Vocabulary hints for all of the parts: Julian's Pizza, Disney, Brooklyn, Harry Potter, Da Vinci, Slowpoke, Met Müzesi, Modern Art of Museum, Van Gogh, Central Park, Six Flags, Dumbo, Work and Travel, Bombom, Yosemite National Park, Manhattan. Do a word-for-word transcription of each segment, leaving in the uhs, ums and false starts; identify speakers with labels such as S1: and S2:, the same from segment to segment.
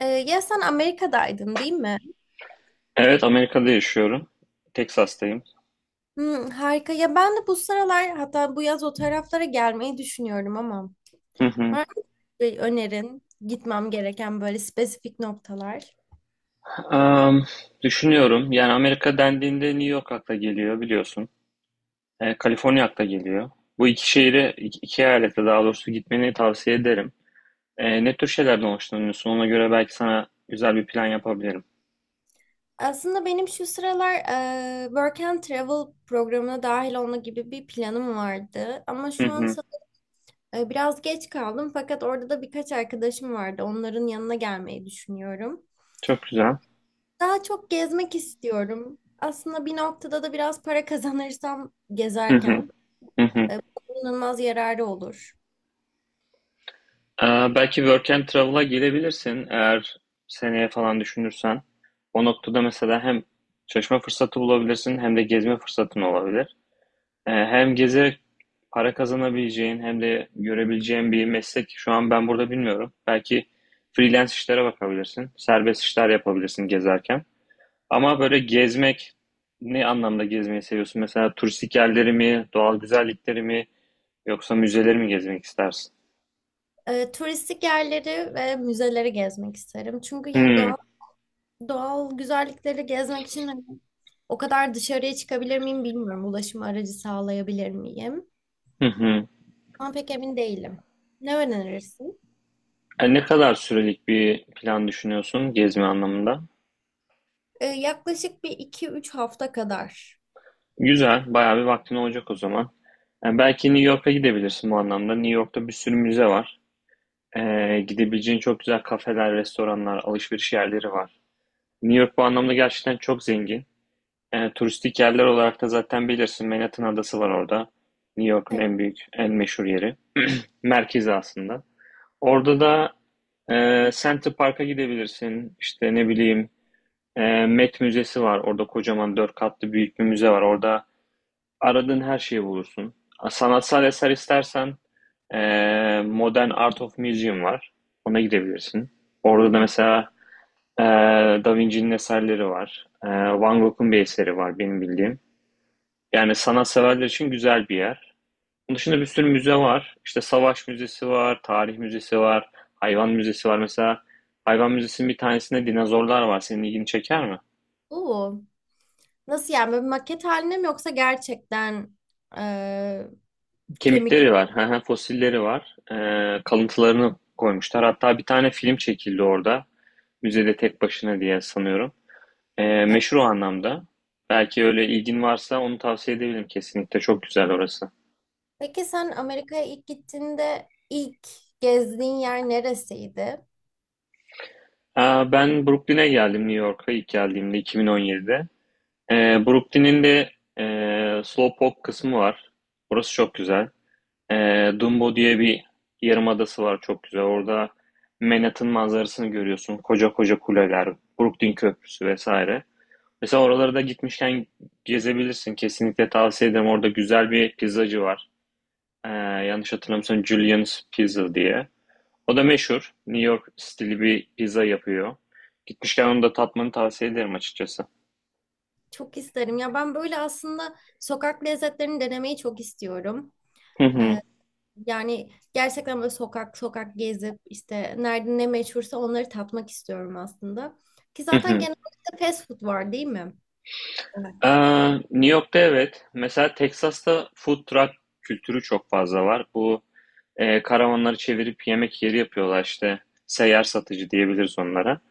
S1: Ee, ya sen Amerika'daydın değil mi?
S2: Evet, Amerika'da yaşıyorum. Texas'tayım.
S1: Hmm, harika. Ya ben de bu sıralar hatta bu yaz o taraflara gelmeyi düşünüyorum ama
S2: Hı hı.
S1: var mı bir önerin gitmem gereken böyle spesifik noktalar?
S2: Am, düşünüyorum. Yani Amerika dendiğinde New York akla geliyor biliyorsun. E, Kaliforniya akla geliyor. Bu iki şehire, iki, iki eyalete daha doğrusu gitmeni tavsiye ederim. E, ne tür şeylerden hoşlanıyorsun? Ona göre belki sana güzel bir plan yapabilirim.
S1: Aslında benim şu sıralar e, Work and Travel programına dahil olma gibi bir planım vardı. Ama
S2: Hı
S1: şu an
S2: hı.
S1: sa- e, biraz geç kaldım fakat orada da birkaç arkadaşım vardı. Onların yanına gelmeyi düşünüyorum.
S2: Çok güzel.
S1: Daha çok gezmek istiyorum. Aslında bir noktada da biraz para kazanırsam
S2: Hı hı.
S1: gezerken.
S2: Hı hı.
S1: E, bu kullanılmaz yararı olur.
S2: E, belki Work and Travel'a gelebilirsin eğer seneye falan düşünürsen. O noktada mesela hem çalışma fırsatı bulabilirsin hem de gezme fırsatın olabilir. Ee, Hem gezerek para kazanabileceğin hem de görebileceğin bir meslek şu an ben burada bilmiyorum. Belki freelance işlere bakabilirsin. Serbest işler yapabilirsin gezerken. Ama böyle gezmek ne anlamda gezmeyi seviyorsun? Mesela turistik yerleri mi, doğal güzellikleri mi yoksa müzeleri mi gezmek istersin?
S1: E, turistik yerleri ve müzeleri gezmek isterim. Çünkü yani
S2: Hmm,
S1: doğal, doğal güzellikleri gezmek için hani o kadar dışarıya çıkabilir miyim bilmiyorum. Ulaşım aracı sağlayabilir miyim?
S2: Hı hı.
S1: Ama pek emin değilim. Ne önerirsin?
S2: E, ne kadar sürelik bir plan düşünüyorsun gezme anlamında?
S1: Ee, yaklaşık bir iki üç hafta kadar.
S2: Güzel, bayağı bir vaktin olacak o zaman. Yani belki New York'a gidebilirsin bu anlamda. New York'ta bir sürü müze var. Ee, gidebileceğin çok güzel kafeler, restoranlar, alışveriş yerleri var. New York bu anlamda gerçekten çok zengin. Ee, turistik yerler olarak da zaten bilirsin Manhattan Adası var orada. New York'un
S1: Evet.
S2: en büyük, en meşhur yeri. Merkezi aslında. Orada da e, Central Park'a gidebilirsin. İşte ne bileyim, e, Met Müzesi var. Orada kocaman dört katlı büyük bir müze var. Orada aradığın her şeyi bulursun. Sanatsal eser istersen e, Modern Art of Museum var. Ona gidebilirsin. Orada da
S1: Hmm.
S2: mesela Ee, Da Vinci'nin eserleri var. Ee, Van Gogh'un bir eseri var benim bildiğim. Yani sanatseverler için güzel bir yer. Onun dışında bir sürü müze var. İşte Savaş Müzesi var, Tarih Müzesi var, Hayvan Müzesi var. Mesela Hayvan Müzesi'nin bir tanesinde dinozorlar var. Senin ilgini çeker mi?
S1: Oo. Nasıl yani böyle bir maket haline mi yoksa gerçekten e, kemik?
S2: Kemikleri var, fosilleri var. Ee, kalıntılarını koymuşlar. Hatta bir tane film çekildi orada. Müzede tek başına diye sanıyorum. Ee,
S1: Evet.
S2: meşhur o anlamda. Belki öyle ilgin varsa onu tavsiye edebilirim kesinlikle. Çok güzel orası.
S1: Peki sen Amerika'ya ilk gittiğinde ilk gezdiğin yer neresiydi?
S2: Aa, Ben Brooklyn'e geldim New York'a ilk geldiğimde iki bin on yedide. Ee, Brooklyn'in de e, Slowpoke kısmı var. Burası çok güzel. Ee, Dumbo diye bir yarımadası var çok güzel. Orada Manhattan manzarasını görüyorsun. Koca koca kuleler, Brooklyn Köprüsü vesaire. Mesela oralara da gitmişken gezebilirsin. Kesinlikle tavsiye ederim. Orada güzel bir pizzacı var. Ee, yanlış hatırlamıyorsam Julian's Pizza diye. O da meşhur. New York stili bir pizza yapıyor. Gitmişken onu da tatmanı tavsiye ederim açıkçası.
S1: Çok isterim. Ya ben böyle aslında sokak lezzetlerini denemeyi çok istiyorum.
S2: Hı hı.
S1: Ee, Yani gerçekten böyle sokak sokak gezip işte nerede ne meşhursa onları tatmak istiyorum aslında. Ki
S2: Hı
S1: zaten
S2: hı.
S1: genelde fast food var değil mi? Evet.
S2: Ee, New York'ta evet. Mesela Texas'ta food truck kültürü çok fazla var. Bu e, karavanları çevirip yemek yeri yapıyorlar işte. Seyyar satıcı diyebiliriz onlara.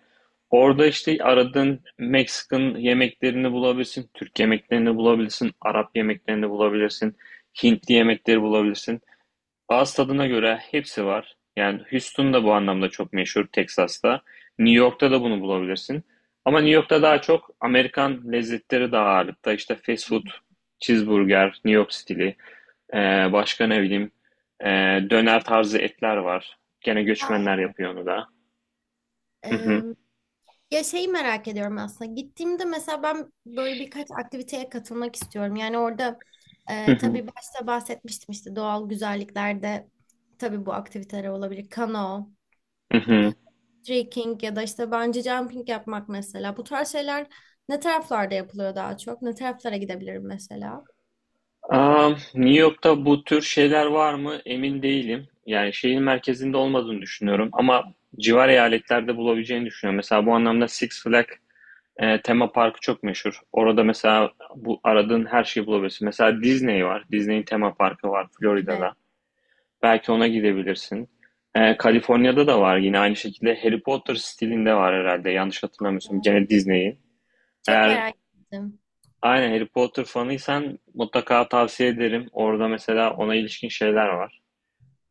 S2: Orada işte aradığın Meksikan yemeklerini bulabilirsin, Türk yemeklerini bulabilirsin, Arap yemeklerini bulabilirsin, Hintli yemekleri bulabilirsin. Ağız tadına göre hepsi var. Yani Houston da bu anlamda çok meşhur Texas'ta. New York'ta da bunu bulabilirsin. Ama New York'ta daha çok Amerikan lezzetleri daha ağırlıkta. İşte fast food, cheeseburger, New York stili, ee, başka ne bileyim, ee, döner tarzı etler var. Gene göçmenler yapıyor onu da. Hı
S1: Ee,
S2: hı.
S1: Ya şeyi merak ediyorum aslında. Gittiğimde mesela ben böyle birkaç aktiviteye katılmak istiyorum. Yani orada
S2: Hı
S1: e,
S2: hı.
S1: tabii başta bahsetmiştim işte doğal güzelliklerde tabii bu aktiviteler olabilir. Kano,
S2: Hı hı.
S1: trekking ya da işte bungee jumping yapmak mesela. Bu tarz şeyler ne taraflarda yapılıyor daha çok? Ne taraflara gidebilirim mesela?
S2: Aa, New York'ta bu tür şeyler var mı? Emin değilim. Yani şehir merkezinde olmadığını düşünüyorum ama civar eyaletlerde bulabileceğini düşünüyorum. Mesela bu anlamda Six Flags e, tema parkı çok meşhur. Orada mesela bu aradığın her şeyi bulabilirsin. Mesela Disney var. Disney'in tema parkı var
S1: Evet.
S2: Florida'da. Belki ona gidebilirsin. E, Kaliforniya'da da var yine aynı şekilde Harry Potter stilinde var herhalde. Yanlış hatırlamıyorsam gene Disney'in.
S1: Çok
S2: Eğer
S1: merak ettim.
S2: aynen Harry Potter fanıysan mutlaka tavsiye ederim. Orada mesela ona ilişkin şeyler var.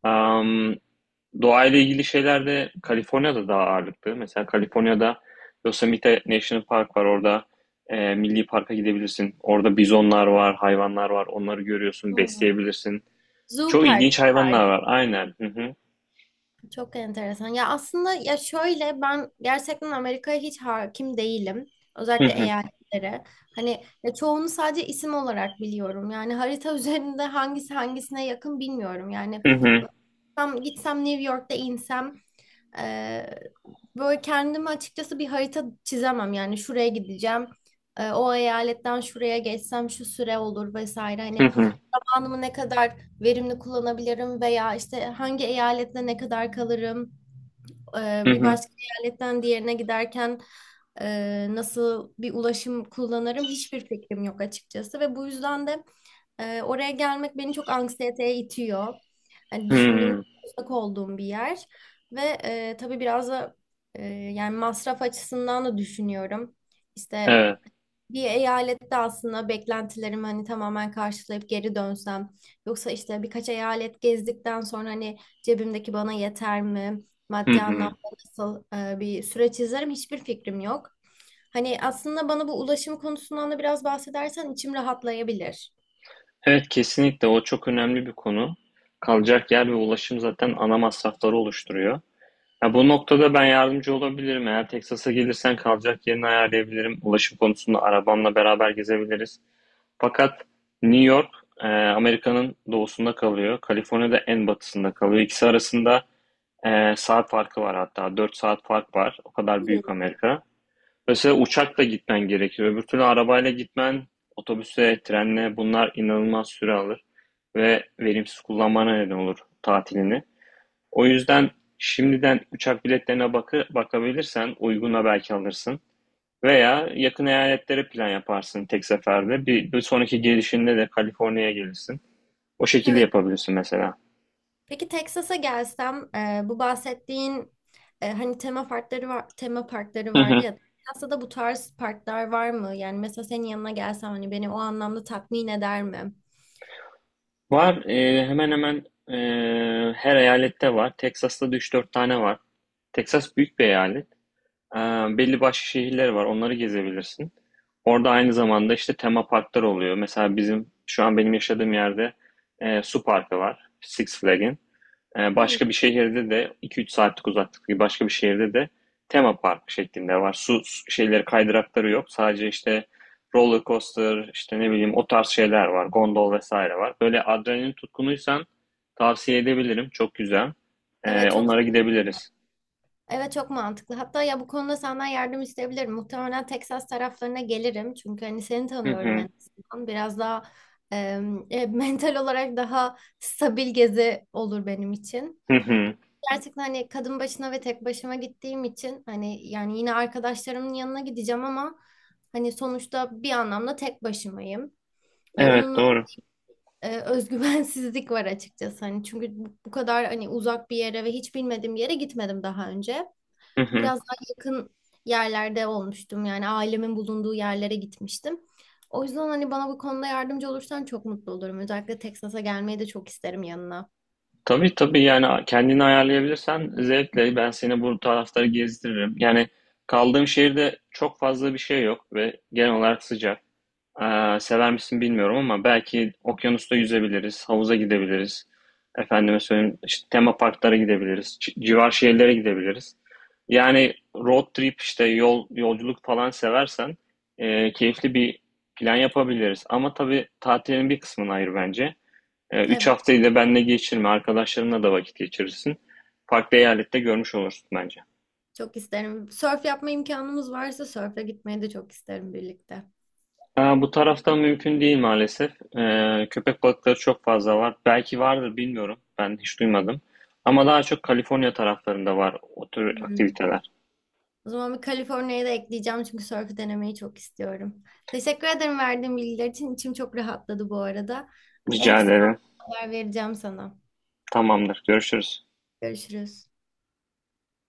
S2: Am, doğayla ilgili şeyler de Kaliforniya'da daha ağırlıklı. Mesela Kaliforniya'da Yosemite National Park var. Orada e, milli parka gidebilirsin. Orada bizonlar var, hayvanlar var. Onları görüyorsun,
S1: Hmm.
S2: besleyebilirsin.
S1: Zoo
S2: Çok
S1: Park
S2: ilginç
S1: tarzı.
S2: hayvanlar var. Aynen. Hı hı.
S1: Çok enteresan. Ya aslında ya şöyle ben gerçekten Amerika'ya hiç hakim değilim. Özellikle
S2: Hı
S1: eyaletlere. Hani ya çoğunu sadece isim olarak biliyorum. Yani harita üzerinde hangisi hangisine yakın bilmiyorum. Yani
S2: hı.
S1: tam gitsem New York'ta insem e, böyle kendimi açıkçası bir harita çizemem. Yani şuraya gideceğim. E, o eyaletten şuraya geçsem şu süre olur vesaire.
S2: Hı
S1: Hani
S2: hı.
S1: zamanımı ne kadar verimli kullanabilirim veya işte hangi eyalette ne kadar kalırım,
S2: Hı
S1: e, bir
S2: hı.
S1: başka eyaletten diğerine giderken e, nasıl bir ulaşım kullanırım hiçbir fikrim yok açıkçası ve bu yüzden de e, oraya gelmek beni çok anksiyeteye itiyor. Hani
S2: Hı hı. Hı
S1: düşündüğümde
S2: hı.
S1: uzak olduğum bir yer ve e, tabii biraz da e, yani masraf açısından da düşünüyorum. İşte
S2: Evet.
S1: bir eyalette aslında beklentilerimi hani tamamen karşılayıp geri dönsem yoksa işte birkaç eyalet gezdikten sonra hani cebimdeki bana yeter mi?
S2: Hı
S1: Maddi
S2: hı.
S1: anlamda nasıl e, bir süreç izlerim hiçbir fikrim yok. Hani aslında bana bu ulaşım konusundan da biraz bahsedersen içim rahatlayabilir.
S2: Evet, kesinlikle o çok önemli bir konu. Kalacak yer ve ulaşım zaten ana masrafları oluşturuyor. Ya bu noktada ben yardımcı olabilirim. Eğer Texas'a gelirsen kalacak yerini ayarlayabilirim. Ulaşım konusunda arabamla beraber gezebiliriz. Fakat New York e, Amerika'nın doğusunda kalıyor. Kaliforniya'da en batısında kalıyor. İkisi arasında e, saat farkı var hatta. Dört saat fark var. O kadar büyük
S1: Bu.
S2: Amerika. Mesela uçakla gitmen gerekiyor. Öbür türlü arabayla gitmen, otobüse, trenle bunlar inanılmaz süre alır ve verimsiz kullanmana neden olur tatilini. O yüzden şimdiden uçak biletlerine bakı, bakabilirsen uyguna belki alırsın. Veya yakın eyaletlere plan yaparsın tek seferde. Bir, bir sonraki gelişinde de Kaliforniya'ya gelirsin. O şekilde
S1: Evet.
S2: yapabilirsin mesela.
S1: Peki Texas'a gelsem e, bu bahsettiğin e, hani tema parkları var, tema parkları
S2: Hı
S1: vardı
S2: hı.
S1: ya. Texas'ta da bu tarz parklar var mı? Yani mesela senin yanına gelsem hani beni o anlamda tatmin eder mi?
S2: Var, e, hemen hemen e, her eyalette var. Texas'ta da üç dört tane var. Texas büyük bir eyalet. Ee, belli başka şehirler var. Onları gezebilirsin. Orada aynı zamanda işte tema parklar oluyor. Mesela bizim şu an benim yaşadığım yerde e, su parkı var. Six Flag'in. E,
S1: Hmm,
S2: başka bir şehirde de iki üç saatlik uzaklıktaki başka bir şehirde de tema park şeklinde var. Su, su şeyleri kaydırakları yok. Sadece işte roller coaster, işte ne bileyim o tarz şeyler var. Gondol vesaire var. Böyle adrenalin tutkunuysan tavsiye edebilirim. Çok güzel. E,
S1: evet, çok
S2: onlara gidebiliriz.
S1: evet, çok mantıklı. Hatta ya bu konuda senden yardım isteyebilirim. Muhtemelen Texas taraflarına gelirim. Çünkü hani seni
S2: Hı
S1: tanıyorum
S2: hı.
S1: en azından. Biraz daha em, e, mental olarak daha stabil gezi olur benim için.
S2: Hı hı.
S1: Gerçekten hani kadın başına ve tek başıma gittiğim için hani yani yine arkadaşlarımın yanına gideceğim ama hani sonuçta bir anlamda tek başımayım. Ve
S2: Evet,
S1: onun
S2: doğru.
S1: e, özgüvensizlik var açıkçası. Hani çünkü bu bu kadar hani uzak bir yere ve hiç bilmediğim bir yere gitmedim daha önce.
S2: Hı hı.
S1: Biraz daha yakın yerlerde olmuştum. Yani ailemin bulunduğu yerlere gitmiştim. O yüzden hani bana bu konuda yardımcı olursan çok mutlu olurum. Özellikle Texas'a gelmeyi de çok isterim yanına.
S2: Tabii tabii, yani kendini ayarlayabilirsen zevkle ben seni bu tarafları gezdiririm. Yani kaldığım şehirde çok fazla bir şey yok ve genel olarak sıcak. Ee, sever misin bilmiyorum ama belki okyanusta yüzebiliriz, havuza gidebiliriz. Efendime söyleyeyim işte tema parklara gidebiliriz, ci- civar şehirlere gidebiliriz. Yani road trip, işte yol yolculuk falan seversen e, keyifli bir plan yapabiliriz. Ama tabii tatilin bir kısmını ayır bence. Ee, Üç
S1: Evet,
S2: haftayı da benle geçirme. Arkadaşlarınla da vakit geçirirsin. Farklı eyalette görmüş olursun bence.
S1: çok isterim. Sörf yapma imkanımız varsa sörfe gitmeyi de çok isterim birlikte.
S2: Bu tarafta mümkün değil maalesef. Ee, köpek balıkları çok fazla var. Belki vardır bilmiyorum. Ben hiç duymadım. Ama daha çok Kaliforniya taraflarında var o tür
S1: Hmm.
S2: aktiviteler.
S1: O zaman bir Kaliforniya'yı da ekleyeceğim çünkü sörfü denemeyi çok istiyorum. Teşekkür ederim verdiğin bilgiler için. İçim çok rahatladı bu arada. En
S2: Rica
S1: kısa
S2: ederim.
S1: zamanda haber vereceğim sana.
S2: Tamamdır. Görüşürüz.
S1: Görüşürüz.